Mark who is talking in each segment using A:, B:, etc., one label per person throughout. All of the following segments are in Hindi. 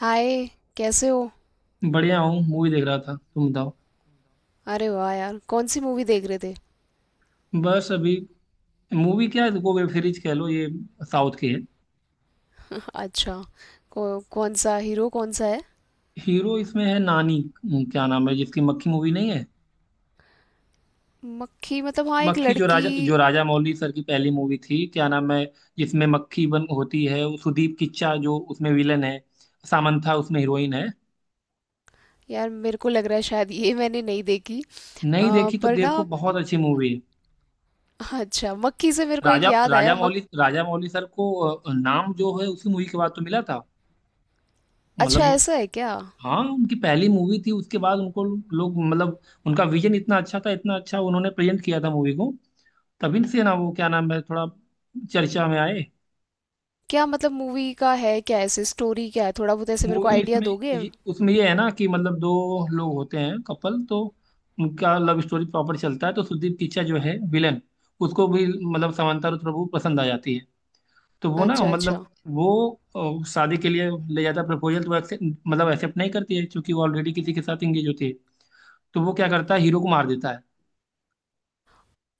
A: हाय। कैसे हो?
B: बढ़िया हूँ। मूवी देख रहा था, तुम बताओ।
A: अरे वाह यार, कौन सी मूवी देख रहे थे?
B: बस अभी मूवी क्या है, देखो वेब सीरीज कह लो ये। साउथ की है।
A: अच्छा, कौन सा हीरो कौन सा है?
B: हीरो इसमें है नानी। क्या नाम है जिसकी मक्खी मूवी नहीं है।
A: मक्खी मतलब? हाँ, एक
B: मक्खी जो
A: लड़की।
B: राजा जो राजा मौली सर की पहली मूवी थी, क्या नाम है जिसमें मक्खी बन होती है वो। सुदीप किच्चा जो उसमें विलन है, सामंथा उसमें हीरोइन है।
A: यार, मेरे को लग रहा है शायद ये मैंने नहीं देखी।
B: नहीं देखी तो
A: पर
B: देखो,
A: ना,
B: बहुत अच्छी मूवी है।
A: अच्छा मक्खी से मेरे को एक
B: राजा
A: याद आया मक।
B: राजा मौली सर को नाम जो है उसी मूवी के बाद तो मिला था,
A: अच्छा,
B: मतलब।
A: ऐसा है क्या?
B: हाँ उनकी पहली मूवी थी, उसके बाद उनको लोग मतलब उनका विजन इतना अच्छा था, इतना अच्छा उन्होंने प्रेजेंट किया था मूवी को। तभी से ना वो क्या नाम है थोड़ा चर्चा में आए।
A: क्या मतलब, मूवी का है क्या ऐसे, स्टोरी क्या है? थोड़ा बहुत ऐसे मेरे को
B: मूवी
A: आइडिया
B: इसमें
A: दोगे?
B: उसमें ये है ना कि मतलब दो लोग होते हैं कपल तो, उनका लव स्टोरी प्रॉपर चलता है। तो सुदीप किच्चा जो है विलन, उसको भी मतलब समांथा प्रभु पसंद आ जाती है। तो वो ना
A: अच्छा,
B: मतलब
A: अच्छा।
B: वो शादी के लिए ले जाता है प्रपोजल। तो वो मतलब एक्सेप्ट नहीं करती है, क्योंकि वो ऑलरेडी किसी के साथ इंगेज होती है। तो वो क्या करता है, हीरो को मार देता है।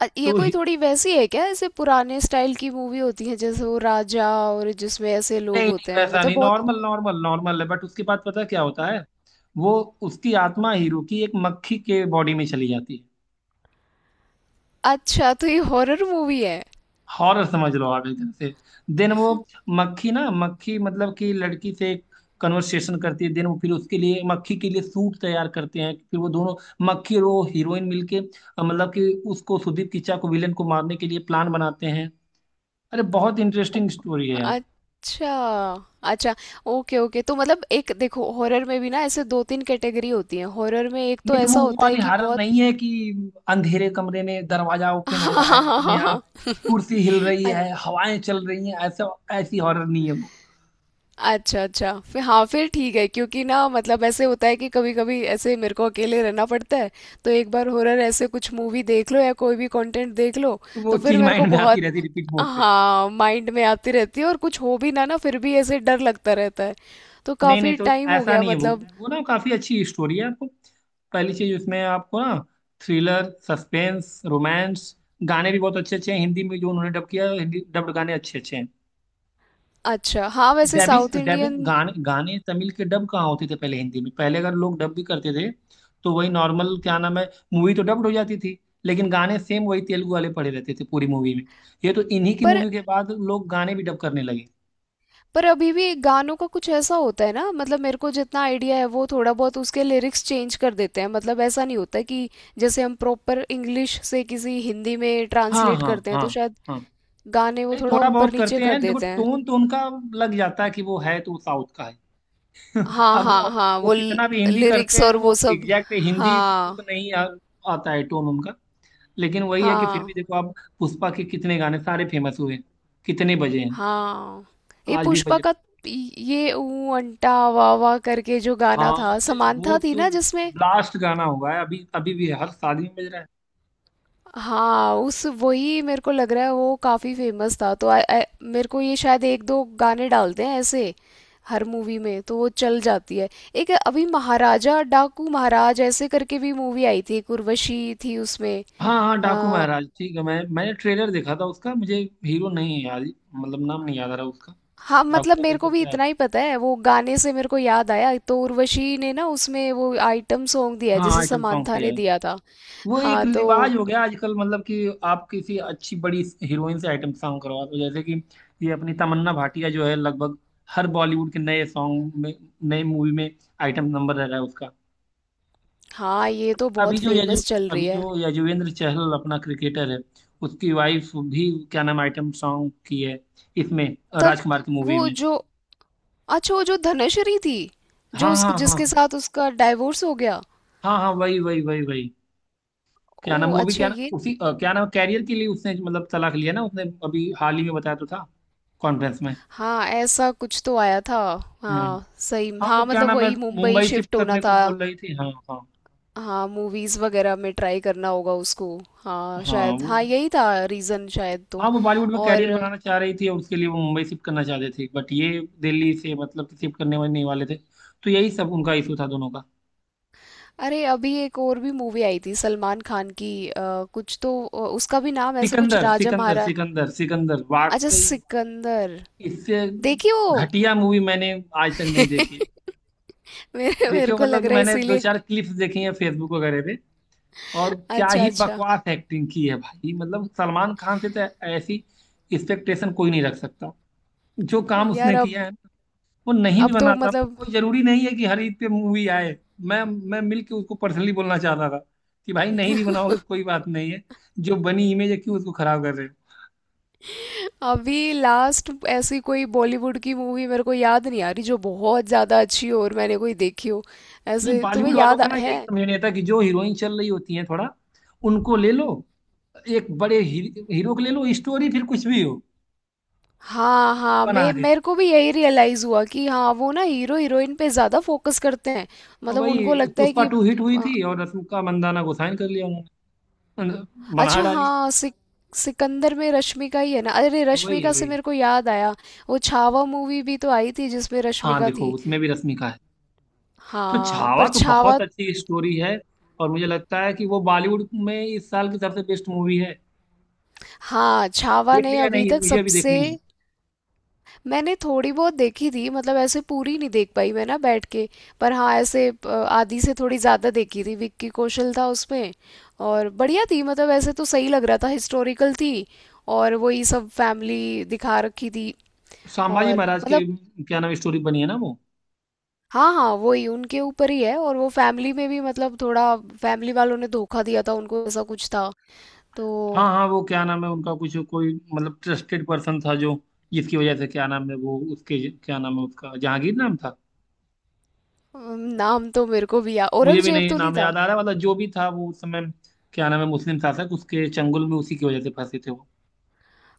A: ये
B: तो
A: कोई थोड़ी वैसी है क्या, ऐसे पुराने स्टाइल की मूवी होती है जैसे वो राजा, और जिसमें ऐसे
B: नहीं
A: लोग
B: नहीं,
A: होते हैं
B: वैसा
A: मतलब
B: नहीं,
A: बहुत।
B: नॉर्मल नॉर्मल नॉर्मल है बट उसके बाद पता है क्या होता है। वो उसकी आत्मा हीरो की एक मक्खी के बॉडी में चली जाती है।
A: अच्छा, तो ये हॉरर मूवी है?
B: हॉरर समझ लो आप एक तरह से। देन वो मक्खी ना, मक्खी मतलब कि लड़की से कन्वर्सेशन करती है। देन वो फिर उसके लिए, मक्खी के लिए सूट तैयार करते हैं, फिर वो दोनों मक्खी और वो हीरोइन मिलके मतलब कि उसको सुदीप किच्चा को, विलेन को मारने के लिए प्लान बनाते हैं। अरे बहुत इंटरेस्टिंग स्टोरी है यार।
A: अच्छा अच्छा, ओके ओके। तो मतलब एक देखो हॉरर में भी ना ऐसे दो तीन कैटेगरी होती है, हॉरर में एक तो
B: नहीं तो वो
A: ऐसा
B: वो
A: होता है
B: वाली
A: कि
B: हॉरर
A: बहुत
B: नहीं है कि अंधेरे कमरे में दरवाजा ओपन हो
A: हाँ
B: रहा है
A: हाँ
B: अपने
A: हाँ हाँ।
B: आप, कुर्सी हिल रही
A: हाँ
B: है, हवाएं चल रही हैं, ऐसा। ऐसी हॉरर नहीं है वो।
A: अच्छा अच्छा, फिर हाँ फिर ठीक है, क्योंकि ना मतलब ऐसे होता है कि कभी कभी ऐसे मेरे को अकेले रहना पड़ता है। तो एक बार हॉरर ऐसे कुछ मूवी देख लो या कोई भी कंटेंट देख लो,
B: तो वो
A: तो फिर
B: चीज
A: मेरे को
B: माइंड में आती
A: बहुत।
B: रहती रिपीट मोड पे।
A: हाँ माइंड में आती रहती है, और कुछ हो भी ना ना फिर भी ऐसे डर लगता रहता है। तो
B: नहीं नहीं,
A: काफी
B: तो
A: टाइम हो
B: ऐसा
A: गया
B: नहीं है वो।
A: मतलब।
B: वो ना काफी अच्छी स्टोरी है आपको। पहली चीज उसमें आपको ना थ्रिलर, सस्पेंस, रोमांस, गाने भी बहुत अच्छे अच्छे हैं। हिंदी में जो उन्होंने डब किया है, हिंदी डब्ड गाने अच्छे अच्छे हैं।
A: अच्छा हाँ, वैसे
B: डबिंग
A: साउथ
B: डबिंग
A: इंडियन।
B: गाने गाने, तमिल के डब कहाँ होते थे पहले हिंदी में। पहले अगर लोग डब भी करते थे तो वही नॉर्मल क्या नाम है मूवी तो डब्ड हो जाती थी, लेकिन गाने सेम वही तेलुगु वाले पड़े रहते थे पूरी मूवी में। ये तो इन्हीं की
A: पर
B: मूवी के बाद लोग गाने भी डब करने लगे।
A: पर अभी भी गानों का कुछ ऐसा होता है ना, मतलब मेरे को जितना आइडिया है वो थोड़ा बहुत उसके लिरिक्स चेंज कर देते हैं, मतलब ऐसा नहीं होता कि जैसे हम प्रॉपर इंग्लिश से किसी हिंदी में
B: हाँ
A: ट्रांसलेट
B: हाँ
A: करते हैं।
B: हाँ
A: तो शायद
B: हाँ।
A: गाने वो
B: नहीं
A: थोड़ा
B: थोड़ा
A: ऊपर
B: बहुत
A: नीचे
B: करते
A: कर
B: हैं, देखो
A: देते हैं।
B: टोन तो उनका लग जाता है कि वो है तो साउथ का है।
A: हाँ
B: अब
A: हाँ
B: वो
A: हाँ, वो
B: कितना भी हिंदी
A: लिरिक्स
B: करते हैं,
A: और वो
B: वो
A: सब।
B: एग्जैक्ट हिंदी
A: हाँ
B: तो नहीं आता है टोन उनका। लेकिन वही है कि फिर
A: हाँ
B: भी देखो आप, पुष्पा के कितने गाने सारे फेमस हुए, कितने बजे हैं,
A: हाँ, ये
B: आज भी
A: पुष्पा
B: बजे।
A: का ये ऊ अंटा वाह वाह करके जो गाना
B: हाँ
A: था,
B: अरे वो
A: समांथा थी
B: तो
A: ना जिसमें।
B: लास्ट गाना हुआ है, अभी अभी भी हर शादी में बज रहा है।
A: हाँ, उस वही मेरे को लग रहा है वो काफ़ी फेमस था। तो आ, आ, मेरे को ये शायद एक दो गाने डालते हैं ऐसे हर मूवी में, तो वो चल जाती है। एक अभी महाराजा डाकू महाराज ऐसे करके भी मूवी आई थी, एक उर्वशी थी उसमें।
B: हाँ हाँ डाकू
A: आ,
B: महाराज ठीक है, मैंने ट्रेलर देखा था उसका। मुझे हीरो नहीं है याद, मतलब नाम नहीं याद आ रहा उसका।
A: हाँ
B: डाकू
A: मतलब
B: महाराज
A: मेरे को भी
B: करके आया
A: इतना ही पता है, वो गाने से मेरे को याद आया तो उर्वशी ने ना उसमें वो आइटम सॉन्ग दिया
B: था।
A: है
B: हाँ
A: जिसे
B: आइटम सॉन्ग
A: समांथा
B: किया।
A: ने दिया था।
B: वो
A: हाँ
B: एक
A: तो,
B: रिवाज हो गया आजकल, मतलब कि आप किसी अच्छी बड़ी हीरोइन से आइटम सॉन्ग करवा दो, जैसे कि ये अपनी तमन्ना भाटिया जो है, लगभग हर बॉलीवुड के नए सॉन्ग में, नए मूवी में आइटम नंबर रह रहा है उसका।
A: हाँ ये तो बहुत
B: अभी जो यजु
A: फेमस चल रही
B: अभी
A: है।
B: जो यजुवेंद्र चहल अपना क्रिकेटर है, उसकी वाइफ भी क्या नाम आइटम सॉन्ग की है इसमें,
A: तर
B: राजकुमार की मूवी
A: वो
B: में।
A: जो, अच्छा वो जो धनश्री थी, जो
B: हाँ
A: उस
B: हाँ हाँ
A: जिसके साथ उसका डाइवोर्स हो गया।
B: हाँ हाँ, वही वही वही वही।
A: ओ
B: क्या नाम, वो भी
A: अच्छा
B: क्या
A: ये,
B: नाम उसी क्या नाम कैरियर के लिए उसने मतलब तलाक लिया ना, उसने अभी हाल ही में बताया तो था कॉन्फ्रेंस में।
A: हाँ ऐसा कुछ तो आया था।
B: हम्म।
A: हाँ सही,
B: हाँ वो
A: हाँ
B: क्या
A: मतलब
B: नाम है,
A: वही मुंबई
B: मुंबई
A: शिफ्ट
B: शिफ्ट
A: होना
B: करने को
A: था।
B: बोल रही थी, हाँ हाँ।
A: हाँ मूवीज वगैरह में ट्राई करना होगा उसको। हाँ
B: हाँ
A: शायद,
B: वो,
A: हाँ यही था रीजन शायद। तो
B: हाँ वो बॉलीवुड में
A: और,
B: कैरियर बनाना चाह रही थी और उसके लिए वो मुंबई शिफ्ट करना चाहते थे, बट ये दिल्ली से मतलब कि शिफ्ट करने वाले नहीं वाले थे। तो यही सब उनका इशू था दोनों का।
A: अरे अभी एक और भी मूवी आई थी सलमान खान की कुछ तो उसका भी नाम ऐसा कुछ
B: सिकंदर
A: राजा
B: सिकंदर
A: महारा।
B: सिकंदर सिकंदर,
A: अच्छा
B: वाकई
A: सिकंदर,
B: इससे
A: देखी वो?
B: घटिया मूवी मैंने आज तक नहीं देखी।
A: मेरे मेरे
B: देखियो,
A: को
B: मतलब
A: लग
B: कि
A: रहा है
B: मैंने दो
A: इसीलिए।
B: चार क्लिप्स देखी हैं फेसबुक वगैरह पे, और क्या
A: अच्छा
B: ही
A: अच्छा।
B: बकवास एक्टिंग की है भाई। मतलब सलमान खान से तो ऐसी एक्सपेक्टेशन कोई नहीं रख सकता, जो काम
A: यार
B: उसने
A: अब
B: किया है। वो नहीं भी
A: अब तो
B: बना था,
A: मतलब
B: कोई जरूरी नहीं है कि हर ईद पे मूवी आए। मैं मिल के उसको पर्सनली बोलना चाहता था कि भाई नहीं भी बनाओगे तो कोई बात नहीं है, जो बनी इमेज है क्यों उसको खराब कर रहे हो।
A: अभी लास्ट ऐसी कोई बॉलीवुड की मूवी मेरे को याद नहीं आ रही जो बहुत ज़्यादा अच्छी हो और मैंने कोई देखी हो।
B: ये
A: ऐसे तुम्हें
B: बॉलीवुड वालों
A: याद आ-
B: का ना
A: है?
B: यही समझ नहीं आता कि जो हीरोइन चल रही होती है थोड़ा, उनको ले लो, एक बड़े ही, हीरो को ले लो, स्टोरी फिर कुछ भी हो
A: हाँ हाँ,
B: बना
A: मैं
B: देते।
A: मेरे को भी यही रियलाइज़ हुआ कि हाँ वो ना हीरो हीरोइन पे ज़्यादा फोकस करते हैं, मतलब उनको
B: वही
A: लगता है
B: पुष्पा
A: कि।
B: टू हिट हुई
A: आ,
B: थी और रश्मिका मंदाना को साइन कर लिया उन्होंने, बना
A: अच्छा
B: डाली।
A: हाँ, सिकंदर में रश्मिका ही है ना? अरे
B: वही है
A: रश्मिका से
B: वही।
A: मेरे को याद आया, वो छावा मूवी भी तो आई थी जिसमें
B: हाँ
A: रश्मिका
B: देखो,
A: थी।
B: उसमें भी रश्मिका है। तो
A: हाँ
B: छावा
A: पर
B: तो
A: छावा।
B: बहुत अच्छी स्टोरी है और मुझे लगता है कि वो बॉलीवुड में इस साल की सबसे बेस्ट मूवी है।
A: हाँ, छावा
B: देख
A: ने
B: लिया
A: अभी
B: नहीं,
A: तक
B: मुझे अभी
A: सबसे।
B: देखनी है।
A: मैंने थोड़ी बहुत देखी थी, मतलब ऐसे पूरी नहीं देख पाई मैं ना बैठ के। पर हाँ ऐसे आधी से थोड़ी ज़्यादा देखी थी, विक्की कौशल था उसमें। और बढ़िया थी मतलब ऐसे तो सही लग रहा था, हिस्टोरिकल थी, और वही सब फैमिली दिखा रखी थी।
B: संभाजी
A: और
B: महाराज के
A: मतलब,
B: क्या नाम स्टोरी बनी है ना वो।
A: हाँ हाँ वही उनके ऊपर ही है, और वो फैमिली में भी मतलब थोड़ा फैमिली वालों ने धोखा दिया था उनको, ऐसा कुछ था तो।
B: हाँ हाँ, वो क्या नाम है उनका कुछ कोई मतलब ट्रस्टेड पर्सन था, जो जिसकी वजह से क्या नाम है वो उसके, क्या नाम है उसका, जहांगीर नाम था।
A: नाम तो मेरे को भी याद,
B: मुझे भी
A: औरंगजेब
B: नहीं
A: तो नहीं
B: नाम
A: था।
B: याद आ रहा, मतलब जो भी था वो उस समय क्या नाम है मुस्लिम शासक, उसके चंगुल में उसी की वजह से फंसे थे वो।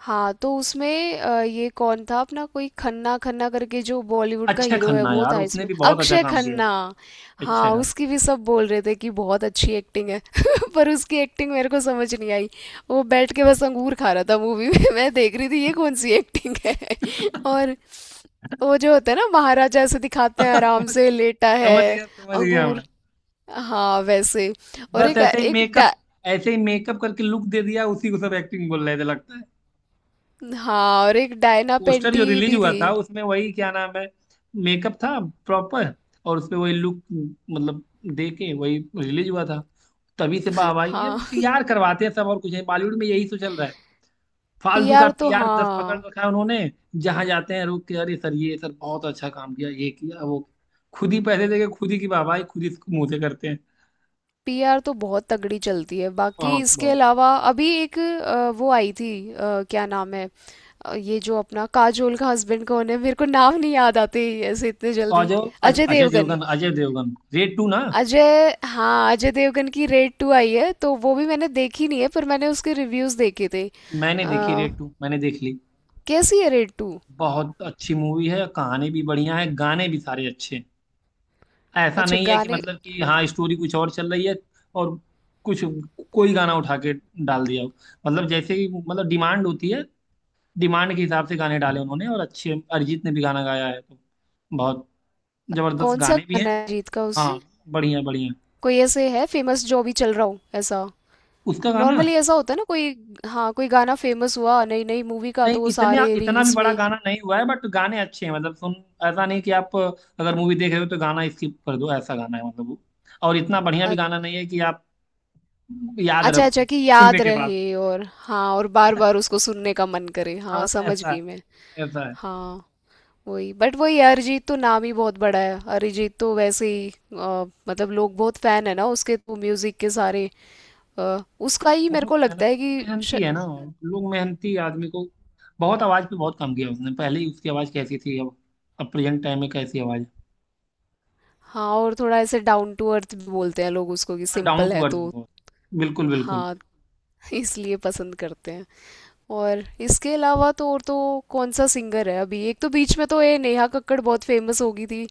A: हाँ तो उसमें ये कौन था अपना, कोई खन्ना खन्ना करके जो बॉलीवुड का
B: अक्षय
A: हीरो है
B: खन्ना,
A: वो
B: यार
A: था
B: उसने
A: इसमें,
B: भी बहुत अच्छा
A: अक्षय
B: काम किया।
A: खन्ना।
B: अक्षय
A: हाँ
B: खन्ना।
A: उसकी भी सब बोल रहे थे कि बहुत अच्छी एक्टिंग है पर उसकी एक्टिंग मेरे को समझ नहीं आई। वो बैठ के बस अंगूर खा रहा था मूवी में मैं देख रही थी ये कौन सी एक्टिंग है। और वो जो होता है ना महाराजा, ऐसे दिखाते हैं आराम से लेटा है,
B: समझ गया
A: अंगूर।
B: मैं।
A: हाँ वैसे, और
B: बस
A: एक
B: ऐसे ही
A: एक
B: मेकअप,
A: डा,
B: ऐसे ही मेकअप करके लुक दे दिया, उसी को सब एक्टिंग बोल रहे थे लगता है।
A: हाँ और एक डायना
B: पोस्टर जो
A: पेंटी
B: रिलीज
A: भी
B: हुआ
A: थी।
B: था उसमें वही क्या नाम है मेकअप था प्रॉपर, और उसमें वही लुक मतलब दे के वही रिलीज हुआ था। तभी से वाह भाई, ये
A: हाँ,
B: पीआर करवाते हैं सब, और कुछ है बॉलीवुड में यही तो चल रहा है। फालतू का
A: पीआर तो
B: पीआर दस पकड़
A: हाँ।
B: रखा है उन्होंने। जहां जाते हैं रोक के, अरे सर ये सर बहुत अच्छा काम किया, ये किया, वो किया।" खुद ही पैसे देके खुद ही की वाह भाई, खुद ही इसको मुंह से करते हैं।
A: पीआर तो बहुत तगड़ी चलती है। बाकी
B: बहुत
A: इसके
B: बहुत।
A: अलावा अभी एक वो आई थी क्या नाम है, ये जो अपना काजोल का हस्बैंड कौन है, मेरे को नाम नहीं याद आते ऐसे इतने
B: और
A: जल्दी।
B: जो
A: अजय
B: अजय
A: देवगन,
B: देवगन, अजय देवगन रेड 2 ना।
A: अजय हाँ अजय देवगन की रेड टू आई है तो वो भी मैंने देखी नहीं है, पर मैंने उसके रिव्यूज देखे थे।
B: मैंने देखी
A: अ,
B: रेड 2, मैंने देख ली।
A: कैसी है रेड टू?
B: बहुत अच्छी मूवी है, कहानी भी बढ़िया है, गाने भी सारे अच्छे हैं। ऐसा
A: अच्छा
B: नहीं है कि
A: गाने।
B: मतलब कि हाँ स्टोरी कुछ और चल रही है और कुछ, कोई गाना उठा के डाल दिया हो। मतलब जैसे ही, मतलब डिमांड होती है डिमांड के हिसाब से गाने डाले उन्होंने, और अच्छे अरिजीत ने भी गाना गाया है, तो बहुत जबरदस्त
A: कौन सा
B: गाने भी हैं।
A: गाना है अरिजीत का
B: हाँ
A: उसमें?
B: बढ़िया बढ़िया।
A: कोई ऐसे है फेमस जो भी चल रहा हो ऐसा?
B: उसका गाना।
A: नॉर्मली ऐसा होता है ना कोई, हाँ कोई गाना फेमस हुआ नई नई मूवी का
B: नहीं
A: तो वो
B: इतने
A: सारे
B: इतना भी
A: रील्स
B: बड़ा
A: में।
B: गाना नहीं हुआ है बट गाने अच्छे हैं, मतलब सुन। ऐसा नहीं कि आप अगर मूवी देख रहे हो तो गाना स्किप कर दो, ऐसा गाना है मतलब वो, और इतना बढ़िया भी
A: अ-
B: गाना नहीं है कि आप याद
A: अच्छा अच्छा,
B: रखो
A: कि याद
B: सुनने के बाद।
A: रहे, और हाँ और बार बार उसको सुनने का मन करे। हाँ
B: हाँ
A: समझ
B: ऐसा
A: गई मैं।
B: है, ऐसा है।
A: हाँ वही, बट वही अरिजीत तो नाम ही बहुत बड़ा है, अरिजीत तो वैसे ही मतलब लोग बहुत फैन है ना उसके, तो म्यूजिक के सारे उसका ही मेरे
B: बहुत
A: को लगता है कि श...
B: मेहनती है ना। लोग मेहनती आदमी को, बहुत आवाज पे बहुत कम किया उसने पहले ही, उसकी आवाज कैसी थी अब, प्रेजेंट टाइम में कैसी आवाज।
A: हाँ और थोड़ा ऐसे डाउन टू अर्थ भी बोलते हैं लोग उसको कि
B: है डाउन
A: सिंपल
B: टू
A: है
B: अर्थ
A: तो।
B: बहुत, बिल्कुल बिल्कुल।
A: हाँ इसलिए पसंद करते हैं। और इसके अलावा तो और तो कौन सा सिंगर है अभी? एक तो बीच में तो ये नेहा कक्कड़ बहुत फेमस हो गई थी।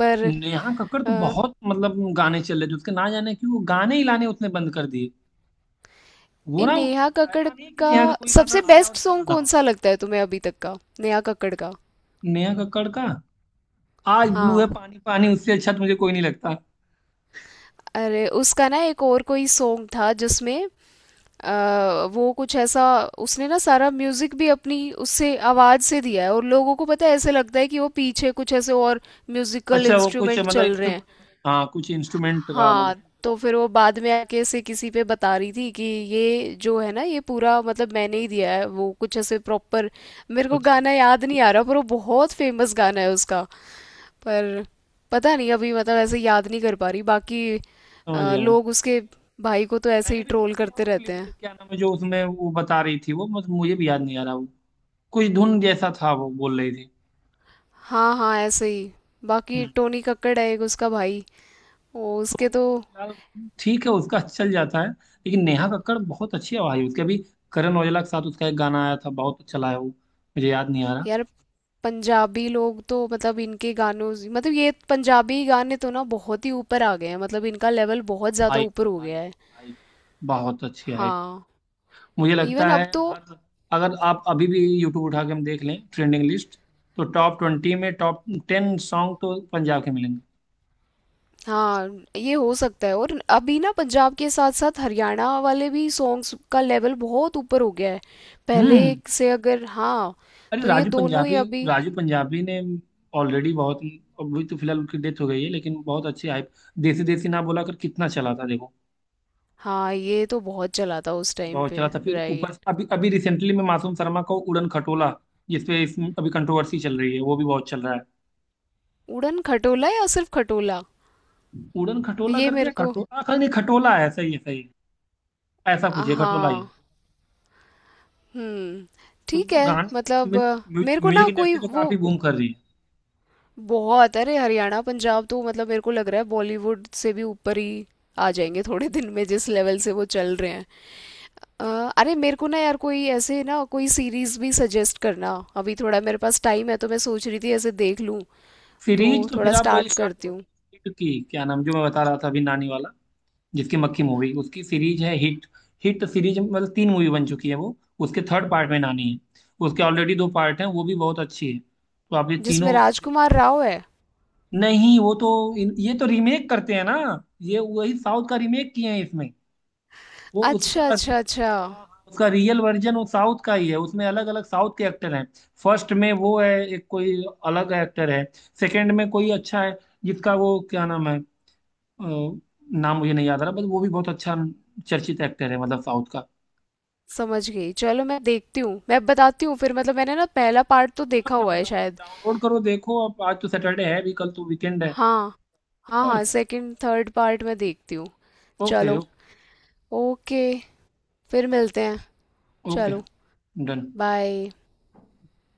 A: पर
B: नेहा कक्कड़ तो
A: अ,
B: बहुत मतलब गाने चल रहे थे उसके, ना जाने क्यों वो गाने ही लाने उसने बंद कर दिए,
A: ये
B: वो ना।
A: नेहा कक्कड़
B: ऐसा नहीं है कि
A: का
B: नेहा का कोई गाना
A: सबसे
B: आया और
A: बेस्ट
B: चला
A: सॉन्ग
B: ना
A: कौन
B: हो।
A: सा लगता है तुम्हें अभी तक का, नेहा कक्कड़ का?
B: नेहा कक्कड़ का आज ब्लू है
A: हाँ
B: पानी पानी, उससे अच्छा तो मुझे कोई नहीं लगता।
A: अरे उसका ना एक और कोई सॉन्ग था जिसमें वो कुछ ऐसा, उसने ना सारा म्यूजिक भी अपनी उससे आवाज से दिया है, और लोगों को पता है ऐसे लगता है कि वो पीछे कुछ ऐसे और म्यूजिकल
B: अच्छा वो कुछ
A: इंस्ट्रूमेंट
B: मतलब
A: चल रहे हैं।
B: इंस्ट्रूमेंट, हाँ कुछ इंस्ट्रूमेंट का मतलब।
A: हाँ तो फिर वो बाद में आके से किसी पे बता रही थी कि ये जो है ना ये पूरा मतलब मैंने ही दिया है, वो कुछ ऐसे प्रॉपर। मेरे को
B: अच्छा,
A: गाना याद नहीं आ रहा पर वो बहुत फेमस गाना है उसका। पर पता नहीं, अभी मतलब ऐसे याद नहीं कर पा रही बाकी।
B: समझ गया मैं।
A: लोग उसके भाई को तो ऐसे
B: मैंने
A: ही
B: भी
A: ट्रोल
B: देखी है
A: करते
B: वो
A: रहते
B: क्लिप।
A: हैं।
B: क्या नाम है जो उसमें वो बता रही थी वो, मतलब मुझे भी याद नहीं आ रहा वो, कुछ धुन जैसा था वो बोल रही थी।
A: हाँ हाँ ऐसे ही। बाकी
B: हम्म।
A: टोनी कक्कड़ है एक उसका भाई, वो उसके
B: टोनी
A: तो।
B: तो फिलहाल ठीक है, उसका चल जाता है, लेकिन नेहा कक्कड़ बहुत अच्छी आवाज है उसके। अभी करण औजला के साथ उसका एक गाना आया था बहुत चला है, वो मुझे याद नहीं आ रहा।
A: यार पंजाबी लोग तो मतलब इनके गानों से- मतलब ये पंजाबी गाने तो ना बहुत ही ऊपर आ गए हैं, मतलब इनका लेवल बहुत ज़्यादा
B: हाइप
A: ऊपर
B: है
A: हो गया
B: हाइप,
A: है।
B: हाइप, बहुत अच्छी हाइप।
A: हाँ
B: मुझे लगता
A: इवन
B: है
A: अब तो,
B: हर, अगर आप अभी भी यूट्यूब उठा के हम देख लें ट्रेंडिंग लिस्ट तो टॉप 20 में टॉप 10 सॉन्ग तो पंजाब के मिलेंगे।
A: हाँ ये हो सकता है। और अभी ना पंजाब के साथ साथ हरियाणा वाले भी सॉन्ग्स का लेवल बहुत ऊपर हो गया है पहले
B: हम्म।
A: से, अगर हाँ
B: अरे
A: तो ये
B: राजू
A: दोनों ही
B: पंजाबी,
A: अभी।
B: राजू पंजाबी ने ऑलरेडी बहुत, अभी तो फिलहाल उनकी डेथ हो गई है लेकिन बहुत अच्छी हाइप। देसी देसी ना बोला कर, कितना चला था देखो।
A: हाँ ये तो बहुत चला था उस टाइम
B: बहुत
A: पे
B: चला था, फिर ऊपर से
A: राइट।
B: अभी अभी रिसेंटली में मासूम शर्मा को उड़न खटोला, जिसपे अभी कंट्रोवर्सी चल रही है, वो भी बहुत चल रहा है।
A: उड़न खटोला या सिर्फ खटोला?
B: उड़न खटोला
A: ये मेरे
B: करके
A: को,
B: खटोला, हाँ नहीं खटोला है, सही है सही। है ऐसा कुछ है, खटोला ही है।
A: हाँ। हम्म
B: तो
A: ठीक है
B: गान
A: मतलब
B: म्यू- म्यू-
A: मेरे को ना
B: म्यूजिक
A: कोई
B: इंडस्ट्री तो
A: वो
B: काफी बूम कर रही है।
A: बहुत, अरे हरियाणा पंजाब तो मतलब मेरे को लग रहा है बॉलीवुड से भी ऊपर ही आ जाएंगे थोड़े दिन में, जिस लेवल से वो चल रहे हैं। अ, अरे मेरे को ना यार कोई ऐसे ना कोई सीरीज भी सजेस्ट करना, अभी थोड़ा मेरे पास टाइम है तो मैं सोच रही थी ऐसे देख लूं। तो
B: सीरीज तो
A: थोड़ा
B: फिर आप वही
A: स्टार्ट
B: स्टार्ट
A: करती
B: करो
A: हूँ।
B: ना। हिट की, क्या नाम जो मैं बता रहा था अभी नानी वाला, जिसकी मक्खी मूवी, उसकी सीरीज है हिट। हिट सीरीज मतलब 3 मूवी बन चुकी है वो, उसके थर्ड पार्ट में नानी है। उसके ऑलरेडी 2 पार्ट हैं, वो भी बहुत अच्छी है, तो आप ये
A: जिसमें
B: तीनों।
A: राजकुमार राव है?
B: नहीं वो तो ये तो रीमेक करते हैं ना, ये वही साउथ का रीमेक किए हैं इसमें। वो
A: अच्छा
B: उसका
A: अच्छा अच्छा।
B: उसका रियल वर्जन वो साउथ का ही है। उसमें अलग अलग साउथ के एक्टर हैं। फर्स्ट में वो है एक कोई अलग एक्टर है, सेकंड में कोई अच्छा है जिसका वो क्या नाम है नाम मुझे नहीं याद आ रहा, बट वो भी बहुत अच्छा चर्चित एक्टर है मतलब, साउथ का।
A: समझ गई, चलो मैं देखती हूँ, मैं बताती हूँ फिर। मतलब मैंने ना पहला पार्ट तो
B: हाँ
A: देखा हुआ
B: हाँ
A: है शायद।
B: डाउनलोड करो देखो, अब आज तो सैटरडे है भी, कल तो वीकेंड है।
A: हाँ हाँ
B: और
A: हाँ,
B: क्या।
A: सेकंड थर्ड पार्ट मैं देखती हूँ।
B: ओके।
A: चलो, ओके, फिर मिलते हैं,
B: ओके
A: चलो,
B: डन।
A: बाय।